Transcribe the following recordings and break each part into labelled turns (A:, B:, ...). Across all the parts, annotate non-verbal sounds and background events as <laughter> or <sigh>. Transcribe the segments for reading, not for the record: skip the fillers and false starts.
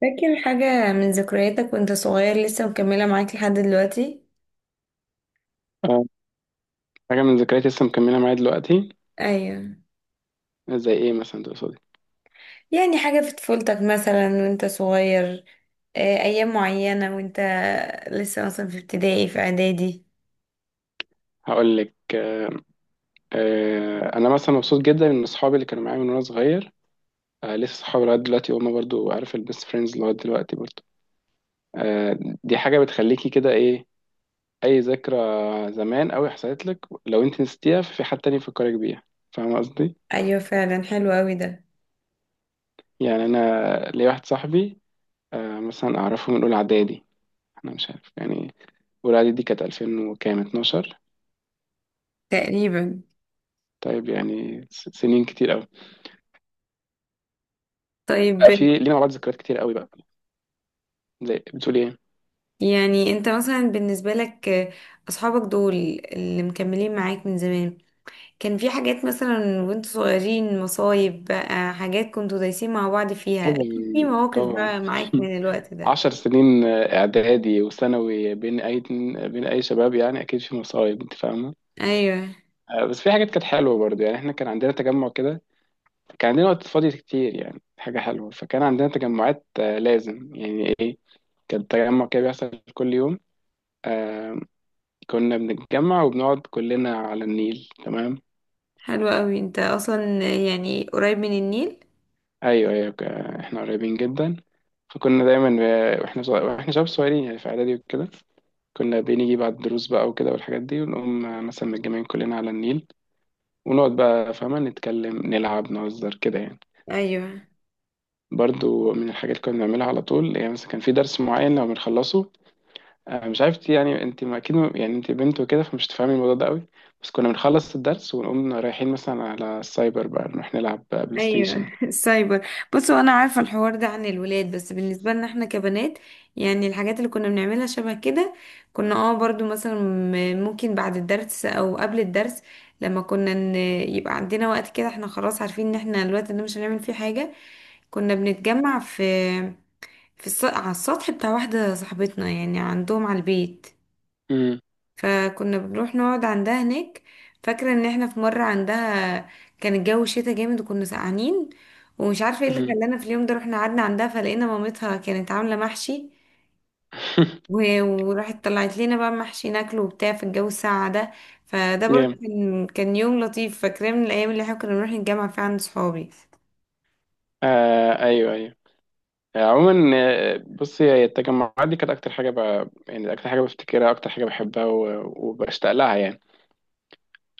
A: فاكر حاجة من ذكرياتك وانت صغير لسه مكملة معاك لحد دلوقتي؟
B: آه، حاجة من ذكرياتي لسه مكملة معايا دلوقتي.
A: ايوه.
B: زي ايه مثلا تقصدي؟
A: يعني حاجة في طفولتك مثلا وانت صغير. ايام معينة وانت لسه مثلا في ابتدائي في اعدادي.
B: هقول لك انا مثلا مبسوط جدا ان اصحابي اللي كانوا معايا من وانا صغير. لسه صحابي لغاية دلوقتي وهم برضو عارف البيست فريندز لغاية دلوقتي برضو. آه، دي حاجة بتخليكي كده ايه؟ اي ذكرى زمان قوي حصلت لك لو انت نسيتيها ففي حد تاني يفكرك بيها. فاهمة قصدي؟
A: ايوه، فعلا حلو اوي ده.
B: يعني انا ليا واحد صاحبي مثلا اعرفه من اولى اعدادي. انا مش عارف يعني اولى اعدادي دي كانت 2000 وكام 12.
A: تقريبا.
B: طيب يعني سنين كتير.
A: طيب،
B: لأ، في لينا مع بعض ذكريات كتير قوي بقى. زي بتقول ايه؟
A: يعني انت مثلا بالنسبة لك، اصحابك دول اللي مكملين معاك من زمان، كان في حاجات مثلا وانتوا صغيرين؟ مصايب بقى، حاجات كنتوا دايسين مع بعض فيها.
B: طبعا.
A: في مواقف
B: طبعا. <laughs>
A: بقى معاك من الوقت ده؟
B: 10 سنين اعدادي وثانوي بين اي، بين اي شباب يعني اكيد في مصايب انت فاهمه.
A: ايوه،
B: بس في حاجات كانت حلوه برضه، يعني احنا كان عندنا تجمع كده. كان عندنا وقت فاضي كتير يعني حاجه حلوه، فكان عندنا تجمعات لازم يعني ايه. كان تجمع كده بيحصل كل يوم. آه، كنا بنتجمع وبنقعد كلنا على النيل. تمام.
A: حلو قوي. انت اصلا يعني قريب من النيل.
B: ايوه ايوه، احنا قريبين جدا. فكنا دايما واحنا شباب صغيرين يعني في اعدادي وكده. كنا بنيجي بعد الدروس بقى وكده والحاجات دي، ونقوم مثلا متجمعين كلنا على النيل. ونقعد بقى فاهمة، نتكلم نلعب نهزر كده يعني.
A: ايوه،
B: برضو من الحاجات اللي كنا بنعملها على طول، يعني مثلا كان في درس معين لو بنخلصه مش عارف يعني، انت ما اكيد يعني انت بنت وكده فمش تفهمي الموضوع ده قوي. بس كنا بنخلص الدرس ونقوم رايحين مثلا على السايبر بقى، نروح نلعب بقى بلاي
A: ايوه.
B: ستيشن.
A: <laughs> السايبر. بصوا، انا عارفه الحوار ده عن الولاد، بس بالنسبه لنا احنا كبنات، يعني الحاجات اللي كنا بنعملها شبه كده. كنا، اه، برضو مثلا ممكن بعد الدرس او قبل الدرس، لما كنا ن- يبقى عندنا وقت كده، احنا خلاص عارفين ان احنا الوقت ده مش هنعمل فيه حاجه. كنا بنتجمع على السطح بتاع واحده صاحبتنا، يعني عندهم على البيت.
B: امم.
A: فكنا بنروح نقعد عندها هناك. فاكرة ان احنا في مرة عندها كان الجو شتا جامد وكنا سقعانين، ومش عارفة ايه
B: <laughs>
A: اللي
B: امم.
A: خلانا في اليوم ده رحنا قعدنا عندها. فلقينا مامتها كانت عاملة محشي، وراحت طلعت لنا بقى محشي ناكله وبتاع في الجو الساقع ده. فده برضه
B: جامد.
A: كان يوم لطيف، فاكراه من الايام اللي احنا كنا بنروح نتجمع فيها عند صحابي.
B: آه ايوه ايوه. عموما بصي، هي التجمعات دي كانت اكتر حاجه يعني اكتر حاجه بفتكرها، اكتر حاجه بحبها وبشتاق لها يعني.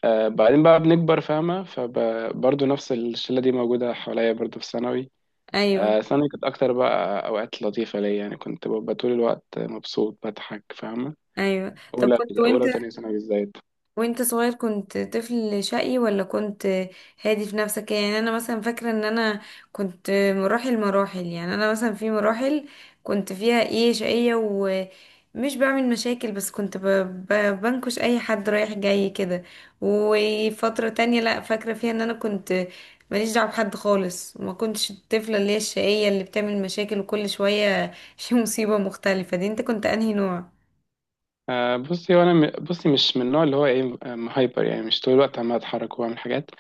B: آه بعدين بقى بنكبر فاهمه، فبرضه نفس الشله دي موجوده حواليا برضه في ثانوي.
A: ايوه،
B: آه ثانوي كانت اكتر بقى اوقات لطيفه ليا، يعني كنت ببقى طول الوقت مبسوط بضحك فاهمه.
A: ايوه. طب
B: اولى
A: كنت، وانت
B: اولى وتانية ثانوي بالذات.
A: وانت صغير كنت طفل شقي ولا كنت هادي في نفسك؟ يعني انا مثلا فاكره ان انا كنت مراحل مراحل. يعني انا مثلا في مراحل كنت فيها ايه، شقيه ومش بعمل مشاكل، بس كنت ب... بنكش اي حد رايح جاي كده. وفتره تانية لا، فاكره فيها ان انا كنت ماليش دعوه بحد خالص، وما كنتش الطفله اللي هي الشقيه اللي بتعمل مشاكل وكل شويه <laughs> في مصيبه مختلفه. دي، انت كنت انهي نوع؟
B: آه بصي، بصي مش من النوع اللي هو ايه هايبر، يعني مش طول الوقت عمال اتحرك واعمل حاجات.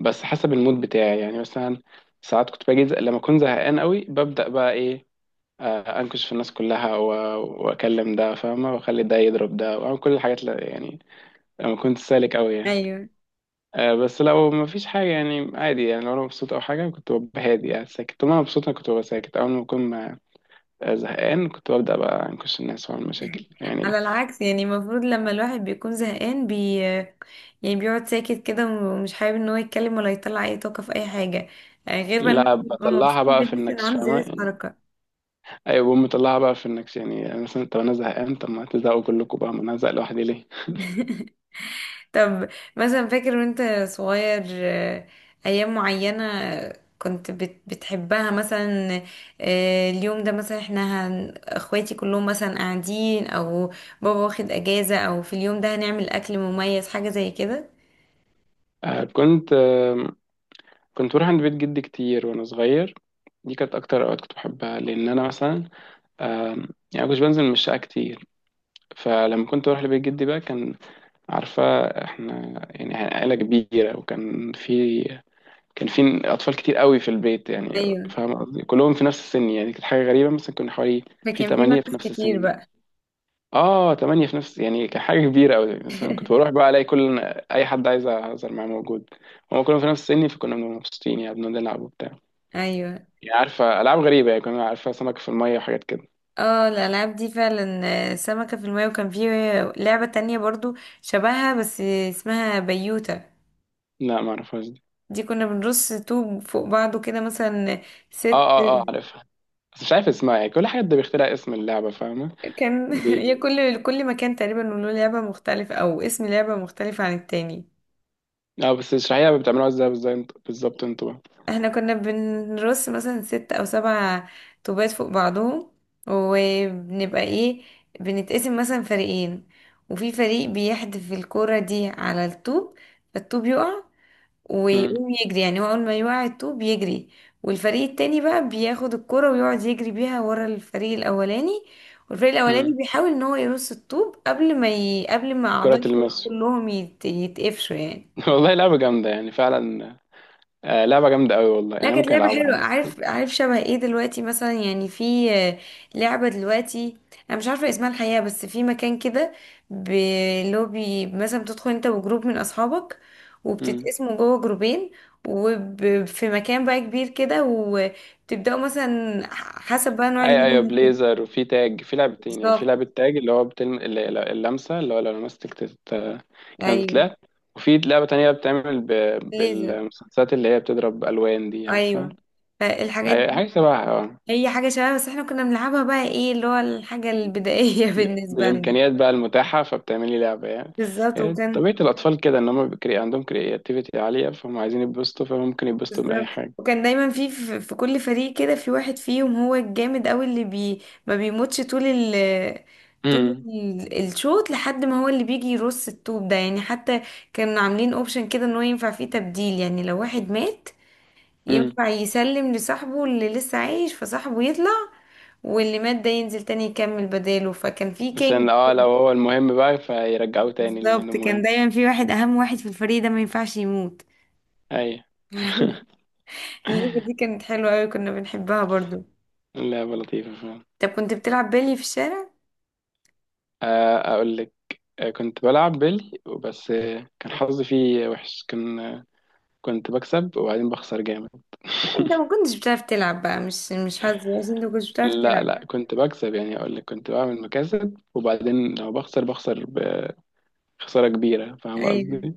B: بس حسب المود بتاعي، يعني مثلا ساعات كنت باجي لما اكون زهقان قوي ببدأ بقى ايه انكش في الناس كلها واكلم ده فاهمة، واخلي ده يضرب ده، واعمل كل الحاجات اللي يعني لما كنت سالك قوي يعني.
A: ايوه.
B: بس لو ما فيش حاجة يعني عادي، يعني لو انا مبسوط او حاجة كنت ببقى هادي، يعني ساكت طول ما انا مبسوط انا كنت ببقى ساكت. اول ما اكون زهقان كنت ببدأ بقى انكش الناس واعمل مشاكل
A: على
B: يعني.
A: العكس، يعني المفروض لما الواحد بيكون زهقان يعني بيقعد ساكت كده، ومش حابب ان هو يتكلم ولا يطلع اي طاقة في اي حاجة. غير بقى لما
B: لا
A: بيبقى مبسوط
B: بطلعها بقى في
A: بيحس ان
B: النكش
A: عنده
B: فاهمة
A: زيادة
B: يعني.
A: حركة.
B: ايوه بقوم مطلعها بقى في النكش يعني، يعني مثلا طب انا زهقان، طب ما تزهقوا كلكم بقى، ما انا هزهق لوحدي ليه؟
A: طب مثلا فاكر وانت صغير، ايام معينة كنت بتحبها؟ مثلا اليوم ده مثلا احنا اخواتي كلهم مثلا قاعدين، او بابا واخد اجازة، او في اليوم ده هنعمل اكل مميز، حاجة زي كده.
B: آه، كنت آه، كنت بروح عند بيت جدي كتير وانا صغير. دي كانت اكتر اوقات كنت بحبها لان انا مثلا آم، يعني مش بنزل من الشقه كتير. فلما كنت بروح لبيت جدي بقى كان، عارفه، احنا يعني عائله كبيره، وكان في، كان في اطفال كتير قوي في البيت يعني،
A: ايوه،
B: فاهم قصدي، كلهم في نفس السن. يعني كانت حاجه غريبه، مثلا كنا حوالي في
A: فكان في
B: 8 في
A: ناس
B: نفس
A: كتير
B: السن.
A: بقى.
B: اه تمانية في نفس، يعني كحاجة كبيرة أوي. بس أنا
A: <laughs>
B: كنت بروح بقى ألاقي كل أي حد عايز أهزر معاه موجود. هما كلهم في نفس سني فكنا بنبقى مبسوطين، يعني بنقعد نلعب وبتاع.
A: ايوه،
B: يعني عارفة ألعاب غريبة، يعني كنا عارفة سمك في المية وحاجات كده.
A: اه، الالعاب دي فعلا. سمكة في الماء. وكان في لعبة تانية برضو شبهها بس اسمها بيوتا.
B: لا ما أعرفهاش دي.
A: دي كنا بنرص طوب فوق بعضه كده، مثلا ست.
B: اه اه اه عارفها، بس مش عارف اسمها، يعني كل حد بيخترع اسم اللعبة فاهمة.
A: كان <laughs> هي.
B: بي...
A: كل مكان تقريبا له لعبة مختلفة او اسم لعبة مختلفة عن التاني.
B: اه بس اشرحيها، بتعملوها ازاي بالظبط انتوا، بالظبط انتوا بقى.
A: احنا كنا بنرص مثلا ست او سبع طوبات فوق بعضهم، وبنبقى ايه، بنتقسم مثلا فريقين، وفي فريق بيحدف الكرة دي على الطوب، فالطوب يقع
B: مم.
A: ويقوم يجري. يعني هو اول ما يوعي الطوب بيجري، والفريق التاني بقى بياخد الكرة ويقعد يجري بيها ورا الفريق الاولاني. والفريق الاولاني
B: مم.
A: بيحاول ان هو يرص الطوب قبل ما اعضاء
B: كرة
A: الفريق
B: المس.
A: كلهم يتقفشوا يعني.
B: <laughs> والله لعبة جامدة يعني فعلا. آه لعبة جامدة أوي والله،
A: لا،
B: يعني
A: كانت
B: ممكن
A: لعبة حلوة.
B: ألعبها.
A: عارف شبه ايه دلوقتي مثلا؟ يعني في، لعبة دلوقتي انا مش عارفة اسمها الحقيقة، بس في مكان كده بلوبي مثلا بتدخل انت وجروب من اصحابك،
B: مم.
A: وبتتقسموا جوه جروبين، وفي مكان بقى كبير كده وبتبدأوا مثلا حسب بقى نوع
B: ايوه
A: اللعبة
B: ايوه، بليزر وفي تاج، في لعبتين. يعني في
A: بالظبط.
B: لعبة تاج اللي هو اللمسة، اللي هو لو لمستك كانت
A: ايوه،
B: تتلعب. وفي لعبة تانية بتعمل
A: ليزر.
B: بالمسدسات اللي هي بتضرب ألوان، دي عارفة.
A: ايوه، فالحاجات دي
B: حاجة شبهها اه.
A: هي حاجة شبه، بس احنا كنا بنلعبها بقى ايه، اللي هو الحاجة البدائية <laughs> بالنسبة لنا.
B: بالإمكانيات بقى المتاحة فبتعملي لعبة يعني.
A: بالظبط
B: يعني
A: وكان
B: طبيعة الأطفال كده إن هم عندهم كرياتيفيتي عالية، فهم عايزين يتبسطوا فممكن يتبسطوا من أي
A: بالظبط
B: حاجة.
A: وكان دايما في كل فريق كده في واحد فيهم هو الجامد قوي اللي ما بيموتش طول
B: امم.
A: الشوط، لحد ما هو اللي بيجي يرص الطوب ده. يعني حتى كانوا عاملين اوبشن كده ان هو ينفع فيه تبديل، يعني لو واحد مات
B: امم.
A: ينفع يسلم لصاحبه اللي لسه عايش فصاحبه يطلع، واللي مات ده ينزل تاني يكمل بداله. فكان في كينج
B: عشان اه لو
A: كده.
B: هو المهم بقى فيرجعوه تاني لأنه
A: بالظبط، كان
B: مهم.
A: دايما في واحد، اهم واحد في الفريق ده ما ينفعش يموت.
B: أيوة.
A: <laughs>
B: <laughs>
A: اللعبة دي كانت حلوة قوي، كنا بنحبها برضو.
B: اللعبة لطيفة فعلا.
A: طب كنت بتلعب بيلي في الشارع؟
B: اقول لك كنت بلعب بيلي، بس كان حظي فيه وحش، كان كنت بكسب وبعدين بخسر جامد.
A: لا، انت
B: <laughs>
A: ما كنتش بتعرف تلعب بقى، مش حظ، بس انت ما كنتش بتعرف
B: لا
A: تلعب.
B: لا كنت بكسب، يعني اقول لك كنت بعمل مكاسب وبعدين لو بخسر بخسر بخسارة كبيرة فاهم
A: ايوه،
B: قصدي.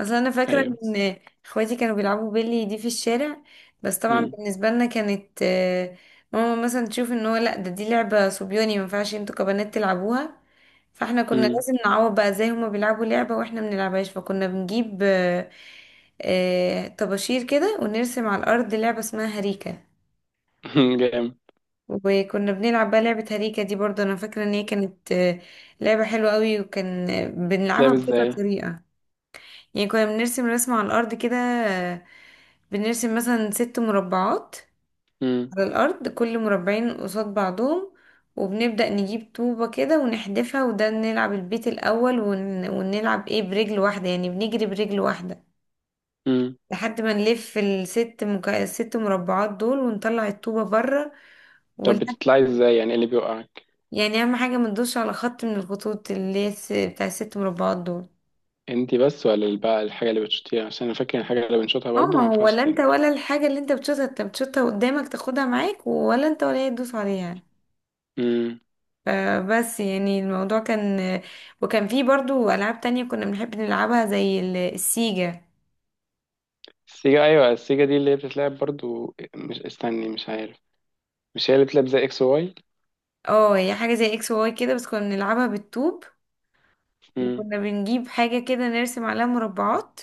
A: اصل انا فاكره
B: ايوه.
A: ان اخواتي كانوا بيلعبوا بيلي دي في الشارع، بس طبعا
B: امم.
A: بالنسبه لنا كانت، ماما مثلا تشوف ان هو، لا، ده، دي لعبه صبياني، ما ينفعش انتوا كبنات تلعبوها. فاحنا كنا
B: امم.
A: لازم نعوض بقى، زي هما بيلعبوا لعبه واحنا ما بنلعبهاش فكنا بنجيب، طباشير كده، ونرسم على الارض لعبه اسمها هريكه.
B: <laughs> جامد.
A: وكنا بنلعب بقى لعبة هريكة دي برضه. أنا فاكرة إن هي كانت لعبة حلوة قوي، وكان بنلعبها
B: بتلعب
A: بكذا
B: ازاي؟
A: طريقة. يعني كنا بنرسم رسمة على الأرض كده. بنرسم مثلا ست مربعات
B: امم.
A: على الأرض، كل مربعين قصاد بعضهم، وبنبدأ نجيب طوبة كده ونحدفها، وده نلعب البيت الأول، ون... ونلعب إيه، برجل واحدة. يعني بنجري برجل واحدة
B: امم.
A: لحد ما نلف الست مربعات دول ونطلع الطوبة بره.
B: طب بتطلعي ازاي، يعني إيه اللي بيوقعك؟
A: يعني اهم حاجه ما تدوش على خط من الخطوط اللي هي بتاع الست مربعات دول.
B: انتي بس ولا بقى الحاجة اللي بتشوتيها؟ عشان انا فاكر الحاجة اللي بنشوتها
A: اه،
B: برضو
A: ما
B: ما
A: هو
B: ينفعش
A: ولا انت ولا الحاجه اللي انت بتشوطها، انت بتشوطها قدامك تاخدها معاك، ولا انت ولا هي تدوس عليها.
B: تعمل.
A: فبس، يعني الموضوع كان. وكان فيه برضو العاب تانية كنا بنحب نلعبها زي السيجا.
B: السيجا، ايوه. السيجا دي اللي هي بتتلعب برضو، مش استني، مش عارف، مش هي اللي بتلعب زي اكس واي؟
A: اه، هي حاجه زي اكس واي كده، بس كنا بنلعبها بالطوب.
B: امم.
A: وكنا بنجيب حاجه كده نرسم عليها مربعات،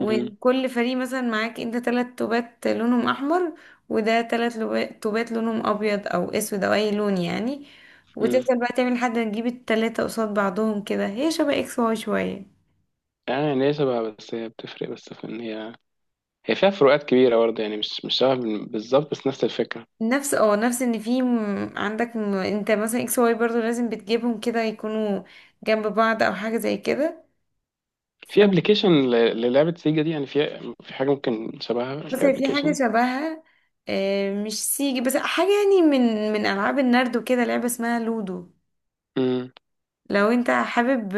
B: امم.
A: فريق مثلا معاك انت تلات توبات لونهم احمر، وده تلات توبات لونهم ابيض او اسود او اي لون يعني.
B: امم.
A: وتفضل بقى تعمل لحد ما تجيب التلاتة قصاد بعضهم كده. هي شبه اكس واي شوية.
B: يعني هي شبهها، بس هي بتفرق بس في ان هي فيها فروقات كبيره برضه، يعني مش شبه بالظبط، بس نفس الفكره.
A: نفس ان في عندك انت مثلا اكس واي برضو لازم بتجيبهم كده يكونوا جنب بعض او حاجة زي كده.
B: في
A: ف-
B: ابلكيشن للعبه سيجا دي؟ يعني في حاجه ممكن شبهها
A: بس في حاجة
B: كابلكيشن.
A: شبهها، مش سيجي بس حاجة يعني من ألعاب النرد وكده، لعبة اسمها لودو.
B: امم.
A: لو انت حابب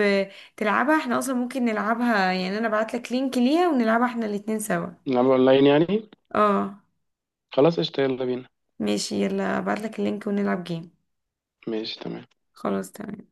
A: تلعبها احنا اصلا ممكن نلعبها، يعني انا بعتلك لينك ليها ونلعبها احنا الاتنين سوا.
B: نلعب اونلاين يعني؟
A: اه،
B: خلاص قشطه، يلا بينا.
A: ماشي، يلا بعتلك اللينك ونلعب جيم.
B: ماشي تمام.
A: خلاص، تمام.